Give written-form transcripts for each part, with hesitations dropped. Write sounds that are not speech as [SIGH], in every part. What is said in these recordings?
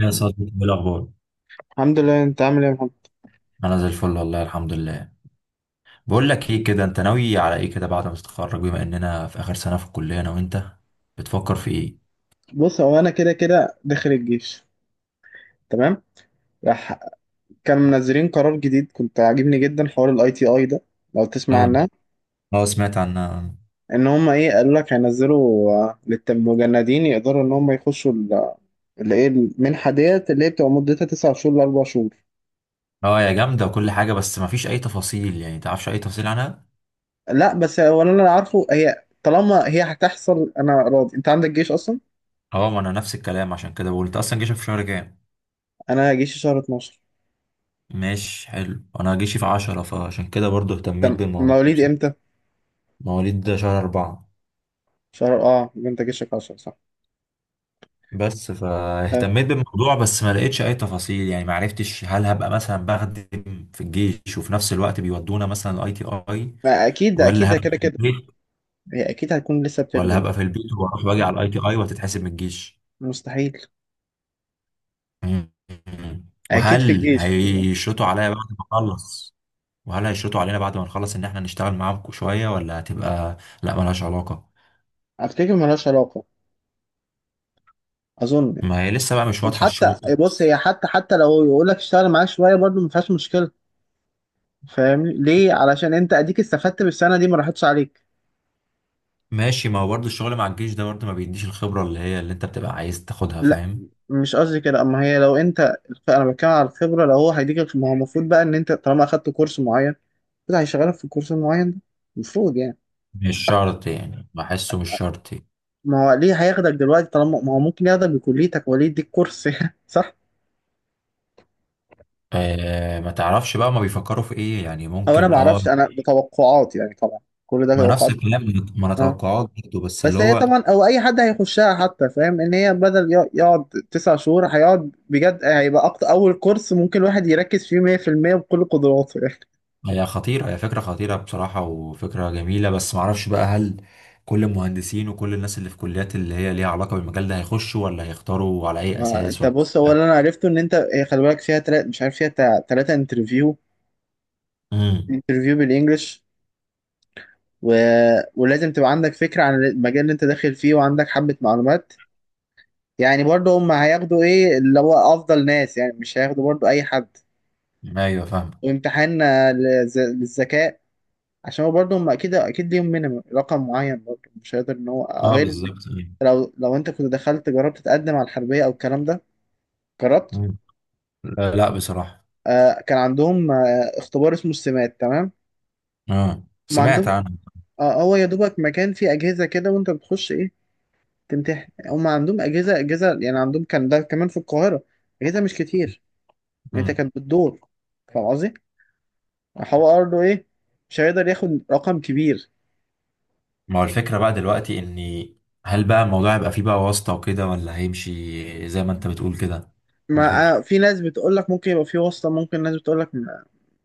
يا صديقي، ايه الاخبار؟ الحمد لله، انت عامل ايه يا محمد؟ انا زي الفل والله الحمد لله. بقول لك ايه كده، انت ناوي على ايه كده بعد ما تتخرج، بما اننا في اخر سنه في الكليه انا وانت، بتفكر في ايه؟ بص، هو انا كده كده داخل الجيش. تمام. راح كان منزلين قرار جديد، كنت عاجبني جدا حوار الاي تي اي ده، لو تسمع اه، عنها. اه، سمعت عنها. ان هم ايه قالوا لك هينزلوا للمجندين يقدروا ان هم يخشوا اللي ايه المنحه ديت اللي هي بتبقى مدتها تسع شهور لاربع شهور. اه، يا جامده وكل حاجه، بس ما فيش اي تفاصيل يعني، تعرفش اي تفاصيل عنها؟ لا بس هو اللي انا عارفه، هي طالما هي هتحصل انا راضي، انت عندك جيش اصلا. اه، ما انا نفس الكلام، عشان كده بقول، انت اصلا جيشك في شهر كام؟ انا جيشي شهر 12. ماشي، حلو. انا جيشي في 10، فعشان كده برضو اهتميت تم بالموضوع ده مواليد بصراحه. امتى؟ مواليد شهر 4. شهر اه يبقى انت جيشك 10، صح؟ بس فاهتميت بالموضوع، بس ما لقيتش اي تفاصيل، يعني ما عرفتش هل هبقى مثلا بخدم في الجيش وفي نفس الوقت بيودونا مثلا الاي تي اي، ما اكيد ولا اكيد هبقى كده في كده. البيت، هي اكيد هتكون لسه ولا بتخدم. هبقى في البيت واروح واجي على الاي تي اي وتتحسب من الجيش. مستحيل، مم. اكيد في وهل الجيش يعني. هيشرطوا عليا بعد ما اخلص، وهل هيشرطوا علينا بعد ما نخلص ان احنا نشتغل معاهم شوية، ولا هتبقى، لا ملهاش علاقة. افتكر ملهاش علاقه، اظن يعني. ما هي لسه بقى مش واضحة حتى الشروط. بص، هي حتى لو يقول لك اشتغل معاك شويه برضه ما فيهاش مشكله. فاهمني ليه؟ علشان انت اديك استفدت بالسنه دي، ما راحتش عليك. ماشي، ما هو برضه الشغل مع الجيش ده برضه ما بيديش الخبرة اللي انت بتبقى عايز تاخدها، لا فاهم. مش قصدي كده، اما هي لو انت، انا بتكلم على الخبره. لو هو هيديك، ما هو المفروض بقى ان انت طالما اخدت كورس معين كده هيشغلك في الكورس المعين ده، المفروض يعني. مش شرط يعني، بحسه مش شرط. ما هو ليه هياخدك دلوقتي طالما ما هو ممكن ياخدك بكليتك وليه يديك كورس [LAUGHS] صح؟ آه، ما تعرفش بقى ما بيفكروا في ايه، يعني انا ممكن، ما اه. اعرفش، انا بتوقعات يعني طبعا، كل ده ما نفس توقعات. الكلام. ما انا اه توقعات برضه، بس اللي بس هي هو. طبعا، او اي حد هيخشها حتى فاهم ان هي بدل يقعد تسع شهور هيقعد بجد، هيبقى أكتر، اول كورس ممكن الواحد يركز فيه 100% بكل قدراته يعني. هي فكرة خطيرة بصراحة، وفكرة جميلة، بس ما اعرفش بقى، هل كل المهندسين وكل الناس اللي في كليات اللي هي ليها علاقة بالمجال ده هيخشوا، ولا هيختاروا على اي ما اساس، انت ولا. بص، هو لا. اللي انا عرفته ان انت، هي خلي بالك فيها تلات، مش عارف، فيها تلاتة انترفيو. امم. انترفيو بالانجلش و... ولازم تبقى عندك فكرة عن المجال اللي انت داخل فيه، وعندك حبة معلومات، يعني برضه هم هياخدوا ايه اللي هو افضل ناس يعني، مش هياخدوا برضه اي حد. ايوه، فاهم. وامتحان للذكاء، عشان هو برضه هم اكيد اكيد ليهم مينيمم رقم معين برضه، مش هيقدر ان هو، اه، غير إن، بالظبط. لو انت كنت دخلت جربت تقدم على الحربيه او الكلام ده، جربت؟ مم. لا، لا، بصراحة. كان عندهم اختبار اسمه السمات، تمام؟ اه، ما سمعت عندهم عنه. هو يا دوبك مكان فيه اجهزه كده وانت بتخش ايه، تمتحن. هم عندهم اجهزه يعني عندهم، كان ده كمان في القاهره، اجهزه مش كتير، يعني انت مم. كانت بتدور، فاهم قصدي؟ هو برضه ايه، مش هيقدر ياخد رقم كبير. ما هو الفكرة بقى دلوقتي اني، هل بقى الموضوع هيبقى فيه بقى واسطة وكده، ولا هيمشي زي ما انت بتقول كده؟ دي ما الفكرة. في ناس بتقول لك ممكن يبقى في واسطة، ممكن ناس بتقول لك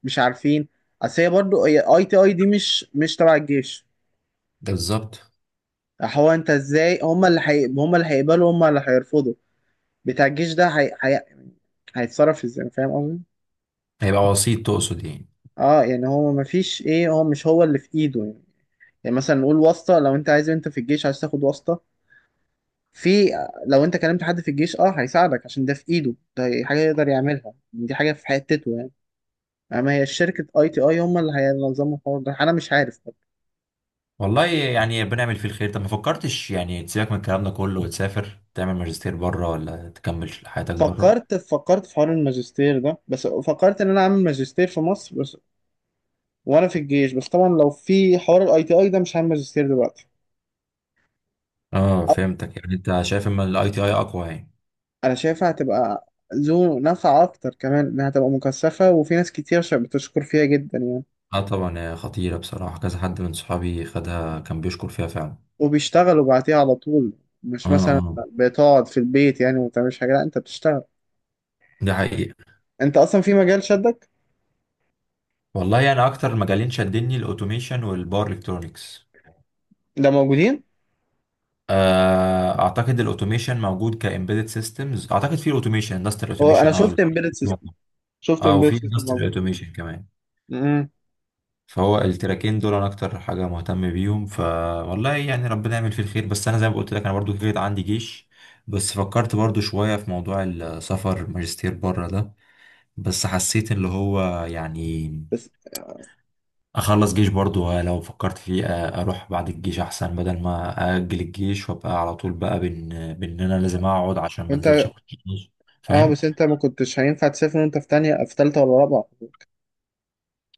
مش عارفين. اصل هي برضو اي تي اي دي مش تبع الجيش. ده بالظبط. هو انت ازاي، هم اللي هم اللي هيقبلوا، هم اللي هيرفضوا، بتاع الجيش ده هيتصرف ازاي، فاهم قصدي؟ هيبقى وسيط تقصد يعني؟ اه يعني هو ما فيش ايه، هو مش هو اللي في ايده يعني. يعني مثلا نقول واسطة، لو انت عايز، انت في الجيش عايز تاخد واسطة، في، لو انت كلمت حد في الجيش اه هيساعدك عشان ده في ايده، ده حاجة يقدر يعملها، دي حاجة في حتته يعني. يعني ما هي شركة اي تي اي هم اللي هينظموا الحوار ده، انا مش عارف. والله يعني بنعمل فيه الخير. طب ما فكرتش يعني تسيبك من الكلام ده كله، وتسافر تعمل ماجستير بره، ولا تكمل حياتك بره؟ فكرت في حوار الماجستير ده، بس فكرت ان انا اعمل ماجستير في مصر بس وانا في الجيش. بس طبعا لو في حوار الاي تي اي ده مش هعمل ماجستير دلوقتي. اه، أو- فهمتك، يعني انت شايف ان الاي تي اي اقوى يعني؟ انا شايفها هتبقى ذو نفع اكتر، كمان انها هتبقى مكثفة، وفي ناس كتير بتشكر فيها جدا يعني، اه، طبعا هي خطيرة بصراحة، كذا حد من صحابي خدها كان بيشكر فيها فعلا. وبيشتغلوا بعديها على طول، اه، مش مثلا اه. بتقعد في البيت يعني وما بتعملش حاجة، لا انت بتشتغل، ده حقيقي. انت اصلا في مجال شدك. والله انا يعني اكتر مجالين شدني الاوتوميشن والباور الكترونكس. ده موجودين، اعتقد الاوتوميشن موجود، كامبيدد سيستمز اعتقد، في الاوتوميشن اندستريال هو انا اوتوميشن، اه. شفت اه، امبيدد وفي سيستم اندستريال موجود. اوتوميشن كمان. امم فهو التراكين دول انا اكتر حاجه مهتم بيهم، فوالله يعني ربنا يعمل فيه الخير، بس انا زي ما قلت لك انا برضو كده عندي جيش. بس فكرت برضو شويه في موضوع السفر ماجستير بره ده، بس حسيت اللي هو يعني، بس اخلص جيش برضو، لو فكرت فيه، اروح بعد الجيش احسن، بدل ما اجل الجيش وابقى على طول بقى، بان انا لازم اقعد عشان ما انزلش انت اخد جيش، اه فاهم. بس انت ما كنتش هينفع تسافر وانت في تانية، في تالتة ولا رابعة؟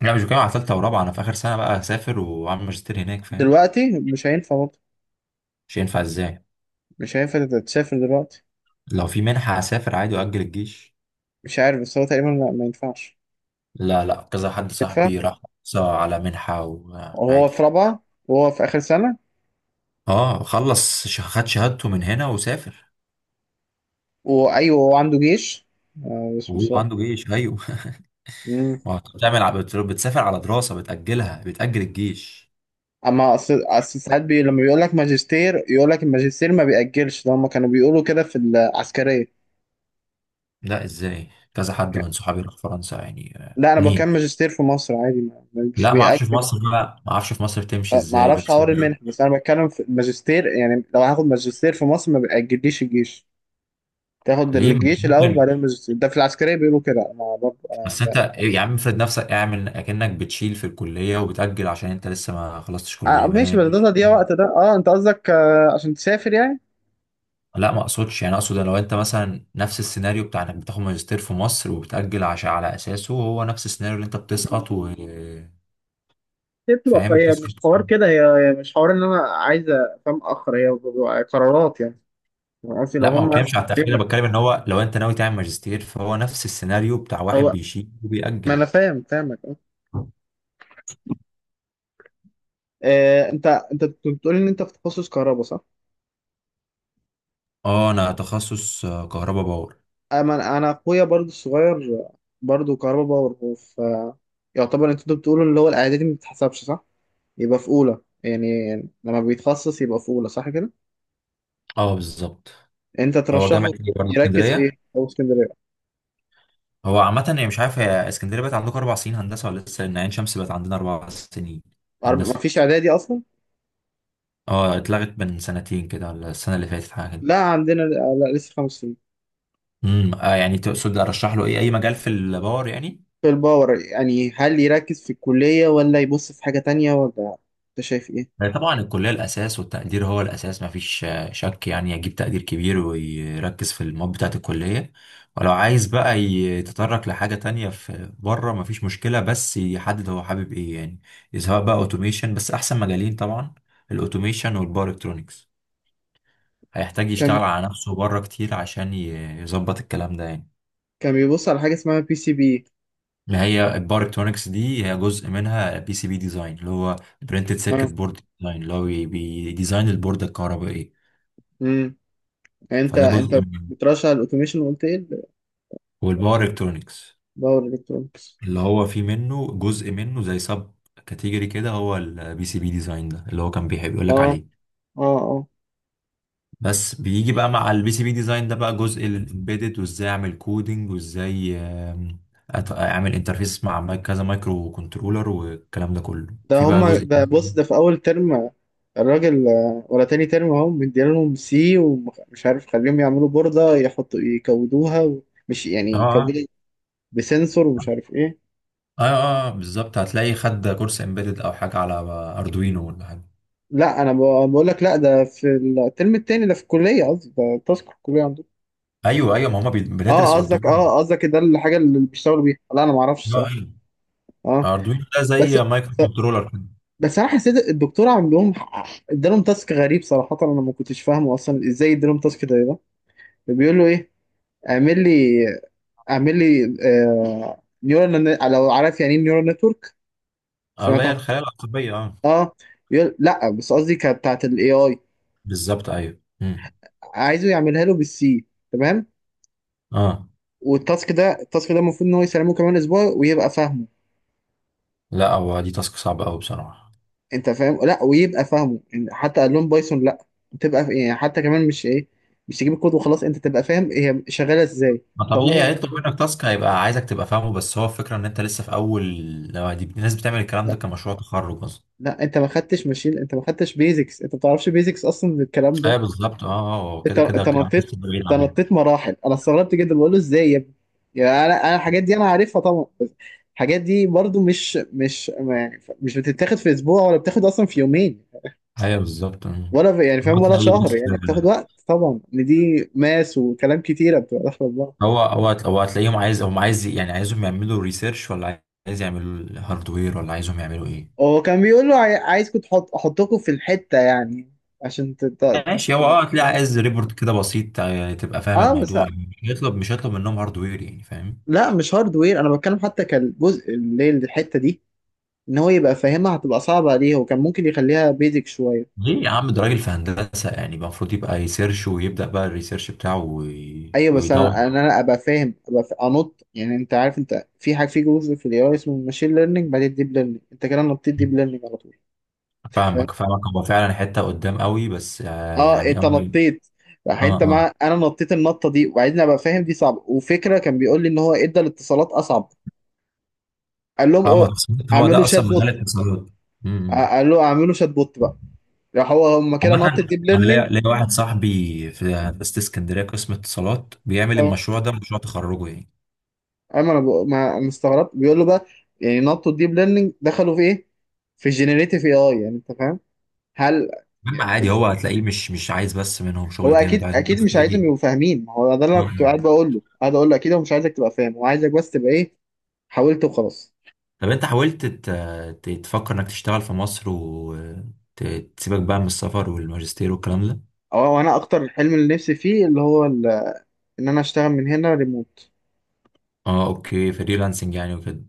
لا، مش بتكلم على ثالثه ورابعه، انا في اخر سنه بقى هسافر واعمل ماجستير هناك، فاهم. دلوقتي مش هينفع برضه، مش هينفع ازاي؟ مش هينفع تسافر دلوقتي. لو في منحه هسافر عادي، واجل الجيش. مش عارف، بس هو تقريبا لا، ما ينفعش. لا، لا، كذا حد ينفع صاحبي راح حصل على منحه، وهو وعادي. في رابعة، وهو في آخر سنة؟ اه خلص، خد شهادته من هنا وسافر، وأيوه، هو عنده جيش، بس وهو مش عارف. عنده جيش، ايوه مم. [LAUGHS] ما هو بتعمل، بتسافر على دراسه، بتاجلها، بتاجل الجيش. أما أصل ساعات لما بيقول لك ماجستير، يقول لك الماجستير ما بيأجلش، ده هما كانوا بيقولوا كده في العسكرية. لا ازاي، كذا حد من صحابي راح فرنسا يعني، لا أنا بكمل اتنين. ماجستير في مصر عادي، مش لا، ما بيأجل. اعرفش في مصر بقى ما اعرفش في مصر بتمشي ما ازاي اعرفش بس. حوار المنح، بس انا بتكلم في الماجستير يعني، لو هاخد ماجستير في مصر ما بيأجليش الجيش، تاخد ليه؟ الجيش الاول ممكن. بعدين الماجستير، ده في العسكريه بيقولوا كده، انا برضه انا بس انت لا. يا عم افرض نفسك، اعمل اكنك بتشيل في الكليه وبتاجل، عشان انت لسه ما خلصتش كليه، ما ماشي، هي. بس ده تضييع وقت، ده اه انت قصدك عشان تسافر يعني. لا، ما اقصدش يعني، اقصد لو انت مثلا نفس السيناريو بتاع انك بتاخد ماجستير في مصر وبتاجل، عشان على اساسه هو نفس السيناريو اللي انت بتسقط و، هي بتبقى، فاهم، هي بتسقط. مش حوار كده هي، هي مش حوار ان انا عايز، فاهم، اخر هي بتبقى قرارات يعني. أنا قصدي لو لا، ما هم بتكلمش على التأخير، انا بتكلم ان هو لو انت ناوي تعمل ماجستير، فهو نفس السيناريو بتاع واحد او بيشيل ما وبيأجل. انا فاهم فاهمك. انت بتقول ان انت في تخصص كهرباء، صح؟ اه، انا تخصص، كهرباء باور. انا اخويا برضو الصغير، برضو كهربا باور، هو في، يعتبر انت بتقولوا اللي هو الاعدادي ما بتتحسبش صح، يبقى في اولى يعني، لما بيتخصص يبقى في اولى صح كده. اه، بالظبط. انت هو جامعة ترشحه ايه برضه، يركز في ايه؟ اسكندرية؟ اسكندريه، هو عامة يعني، مش عارف، هي اسكندرية بقت عندكم 4 سنين هندسة ولا لسه؟ لان عين شمس بقت عندنا 4 سنين ما هندسة. فيش اعدادي اصلا. اه، اتلغت من سنتين كده، ولا السنة اللي فاتت حاجة كده. لا عندنا لا لسه خمس سنين. يعني تقصد ارشح له ايه، اي مجال في الباور يعني؟ في الباور يعني، هل يركز في الكليه ولا يبص في حاجه تانية، ولا انت شايف ايه؟ طبعا الكلية الأساس، والتقدير هو الأساس، مفيش شك يعني، يجيب تقدير كبير ويركز في المواد بتاعة الكلية. ولو عايز بقى يتطرق لحاجة تانية في بره مفيش مشكلة، بس يحدد هو حابب إيه يعني. سواء بقى أوتوميشن، بس أحسن مجالين طبعا الأوتوميشن والباور إلكترونكس. هيحتاج كان يشتغل على نفسه بره كتير عشان يظبط الكلام ده يعني. كان بيبص على حاجه اسمها بي سي بي. ما هي الباور إلكترونكس دي هي جزء منها بي سي بي ديزاين، اللي هو برينتد سيركت اه. بورد ديزاين، اللي هو بيديزاين البوردة الكهربائية. امم، انت فده جزء انت منه. بترشح الاوتوميشن، وقلت ايه؟ والباور الكترونكس باور الكترونكس. اللي هو فيه منه جزء منه زي سب كاتيجوري كده، هو البي سي بي ديزاين ده اللي هو كان بيحب يقول اه لك عليه. اه اه. بس بيجي بقى مع البي سي بي ديزاين ده بقى جزء الامبيدد، وازاي اعمل كودينج، وازاي اعمل انترفيس مع كذا مايكرو كنترولر، والكلام ده كله ده في بقى هما جزء ده بص، تاني. ده في اول ترم الراجل، ولا تاني ترم، اهم مدينا لهم سي، ومش عارف، خليهم يعملوا بوردة يحطوا يكودوها مش يعني اه، اه، يكودوا بسنسور ومش عارف ايه. اه، بالظبط، هتلاقي خد كورس امبيدد او حاجه على اردوينو، ولا حاجه. لا انا بقول لك لا، ده في الترم التاني، ده في الكلية قصدي، ده تاسك في الكلية عندهم. ايوه، ايوه، ما هم اه بندرس قصدك، اردوينو. ده الحاجة اللي بيشتغلوا بيها؟ لا انا ما اعرفش اه، الصراحة. ايوه، اه اردوينو ده بس زي مايكرو كنترولر كده. بس انا حسيت الدكتور عندهم ادالهم تاسك غريب صراحة، انا ما كنتش فاهمه اصلا ازاي ادالهم تاسك زي ده. بيقول له ايه؟ اعمل لي اعمل لي نيورال، لو عارف يعني ايه نيورال نتورك، اللي سمعت هي عن، الخلايا العصبيه، اه. اه، يقول، لا بس قصدي كانت بتاعت الاي اي. بالظبط، ايوه. مم. عايزه يعملها له بالسي، تمام؟ اه، والتاسك ده التاسك ده المفروض ان هو يسلمه كمان اسبوع ويبقى فاهمه. لا، هو دي تاسك صعبه قوي بصراحه. انت فاهم، لا ويبقى فاهمه يعني، حتى قال لهم بايثون، لا تبقى يعني، حتى كمان، مش ايه، مش تجيب الكود وخلاص، انت تبقى فاهم هي شغاله ازاي. ما طب هم طبيعي هيطلب منك تاسك، هيبقى عايزك تبقى فاهمه، بس هو الفكره ان انت لسه في اول. لو دي الناس بتعمل الكلام ده لا كمشروع تخرج اصلا. لا، انت ما خدتش ماشين، انت ما خدتش بيزكس، انت ما بتعرفش بيزكس اصلا من الكلام ده. ايوه، بالظبط، اه، هو انت كده كده انت الكلام ده نطيت لسه بعيد انت عنهم. نطيت مراحل، انا استغربت جدا، بقول له ازاي يا ابني، يعني انا، الحاجات دي انا عارفها طبعا، بس الحاجات دي برضو مش ما يعني، مش بتتاخد في اسبوع، ولا بتاخد اصلا في يومين، ايوه، بالظبط. مم. ولا في يعني، فاهم، هو ولا تلاقيه شهر بس، يعني، بتاخد وقت طبعا، ان دي ماس، وكلام كتيره بتبقى داخله في بعض. هو هتلاقيهم عايز، هم عايز يعني عايزهم يعملوا ريسيرش، ولا عايز يعملوا هاردوير، ولا عايزهم يعملوا ايه؟ هو كان بيقول له عايزكم احطكم في الحته يعني، عشان ماشي، هو اه هتلاقي عايز ريبورت كده بسيط، يعني تبقى فاهم اه بس، الموضوع، مش هيطلب منهم هاردوير يعني، فاهم. لا مش هاردوير، انا بتكلم حتى كالجزء اللي هي الحته دي، ان هو يبقى فاهمها، هتبقى صعبة عليه، هو كان ممكن يخليها بيزك شوية. ليه يا عم، ده راجل في هندسة يعني، يبقى المفروض يبقى يسيرش، ويبدأ بقى الريسيرش بتاعه، ايوه بس ويدور. انا ابقى فاهم، انط يعني، انت عارف، انت في حاجة، في جزء في الاي اي اسمه الماشين ليرنينج، بعدين الديب ليرنينج، انت كده نطيت ديب ليرنينج على طول، فاهم؟ فاهمك، فاهمك، هو فعلا حتة قدام قوي، بس اه يعني انت أول. نطيت. راح اه، انت اه، مع انا نطيت النطة دي، وبعدين ابقى فاهم دي صعبة، وفكرة كان بيقول لي ان هو ادى الاتصالات اصعب. قال لهم فاهمك. هو اعملوا ده شات اصلا مجال بوت، الاتصالات. أمم. قال له اعملوا شات بوت بقى. هو هم كده عامة، نط الديب انا ليا ليرنينج. ليا واحد صاحبي في هندسة اسكندرية قسم اتصالات، بيعمل المشروع ده مشروع تخرجه يعني. اما انا ما انا استغربت، بيقول له بقى يعني نطوا الديب ليرنينج، دخلوا في ايه؟ في الجينيريتيف اي اي، يعني انت فاهم، هل مهم، يعني، عادي، هو هتلاقيه مش عايز بس منهم هو شغل جامد، اكيد عايز اكيد بس مش عايزهم ايه. يبقوا فاهمين، ما هو ده اللي انا كنت قاعد مم. بقول له، قاعد اقول له اكيد هو مش عايزك تبقى فاهم، هو عايزك بس تبقى ايه، حاولت وخلاص. طب انت حاولت، تفكر انك تشتغل في مصر، وتسيبك بقى من السفر والماجستير والكلام ده. انا اكتر الحلم اللي نفسي فيه اللي هو ان انا اشتغل من هنا ريموت. اه اوكي، فريلانسنج يعني وكده؟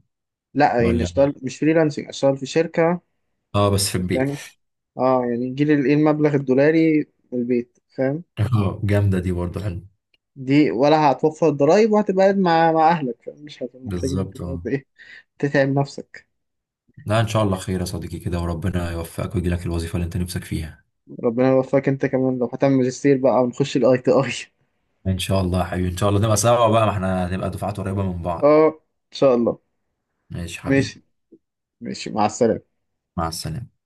لا يعني ولا اشتغل مش فريلانسنج، اشتغل في شركة اه، بس في بس البيت. يعني، اه يعني يجي لي الايه المبلغ الدولاري من البيت، فاهم؟ اه، جامدة دي برضه، حلو. دي ولا هتوفر ضرايب، وهتبقى قاعد مع اهلك، فمش هتبقى محتاج ان انت بالظبط، اه. تقعد ايه، تتعب نفسك. لا، ان شاء الله خير يا صديقي كده، وربنا يوفقك ويجي لك الوظيفة اللي انت نفسك فيها. ربنا يوفقك انت كمان، لو هتعمل ماجستير بقى ونخش الاي تي اي. ان شاء الله يا حبيبي، ان شاء الله نبقى سوا بقى، ما احنا هنبقى دفعات قريبة من [LAUGHS] بعض. اه ان شاء الله. ماشي يا حبيبي. ماشي، ماشي، مع السلامة. مع السلامة.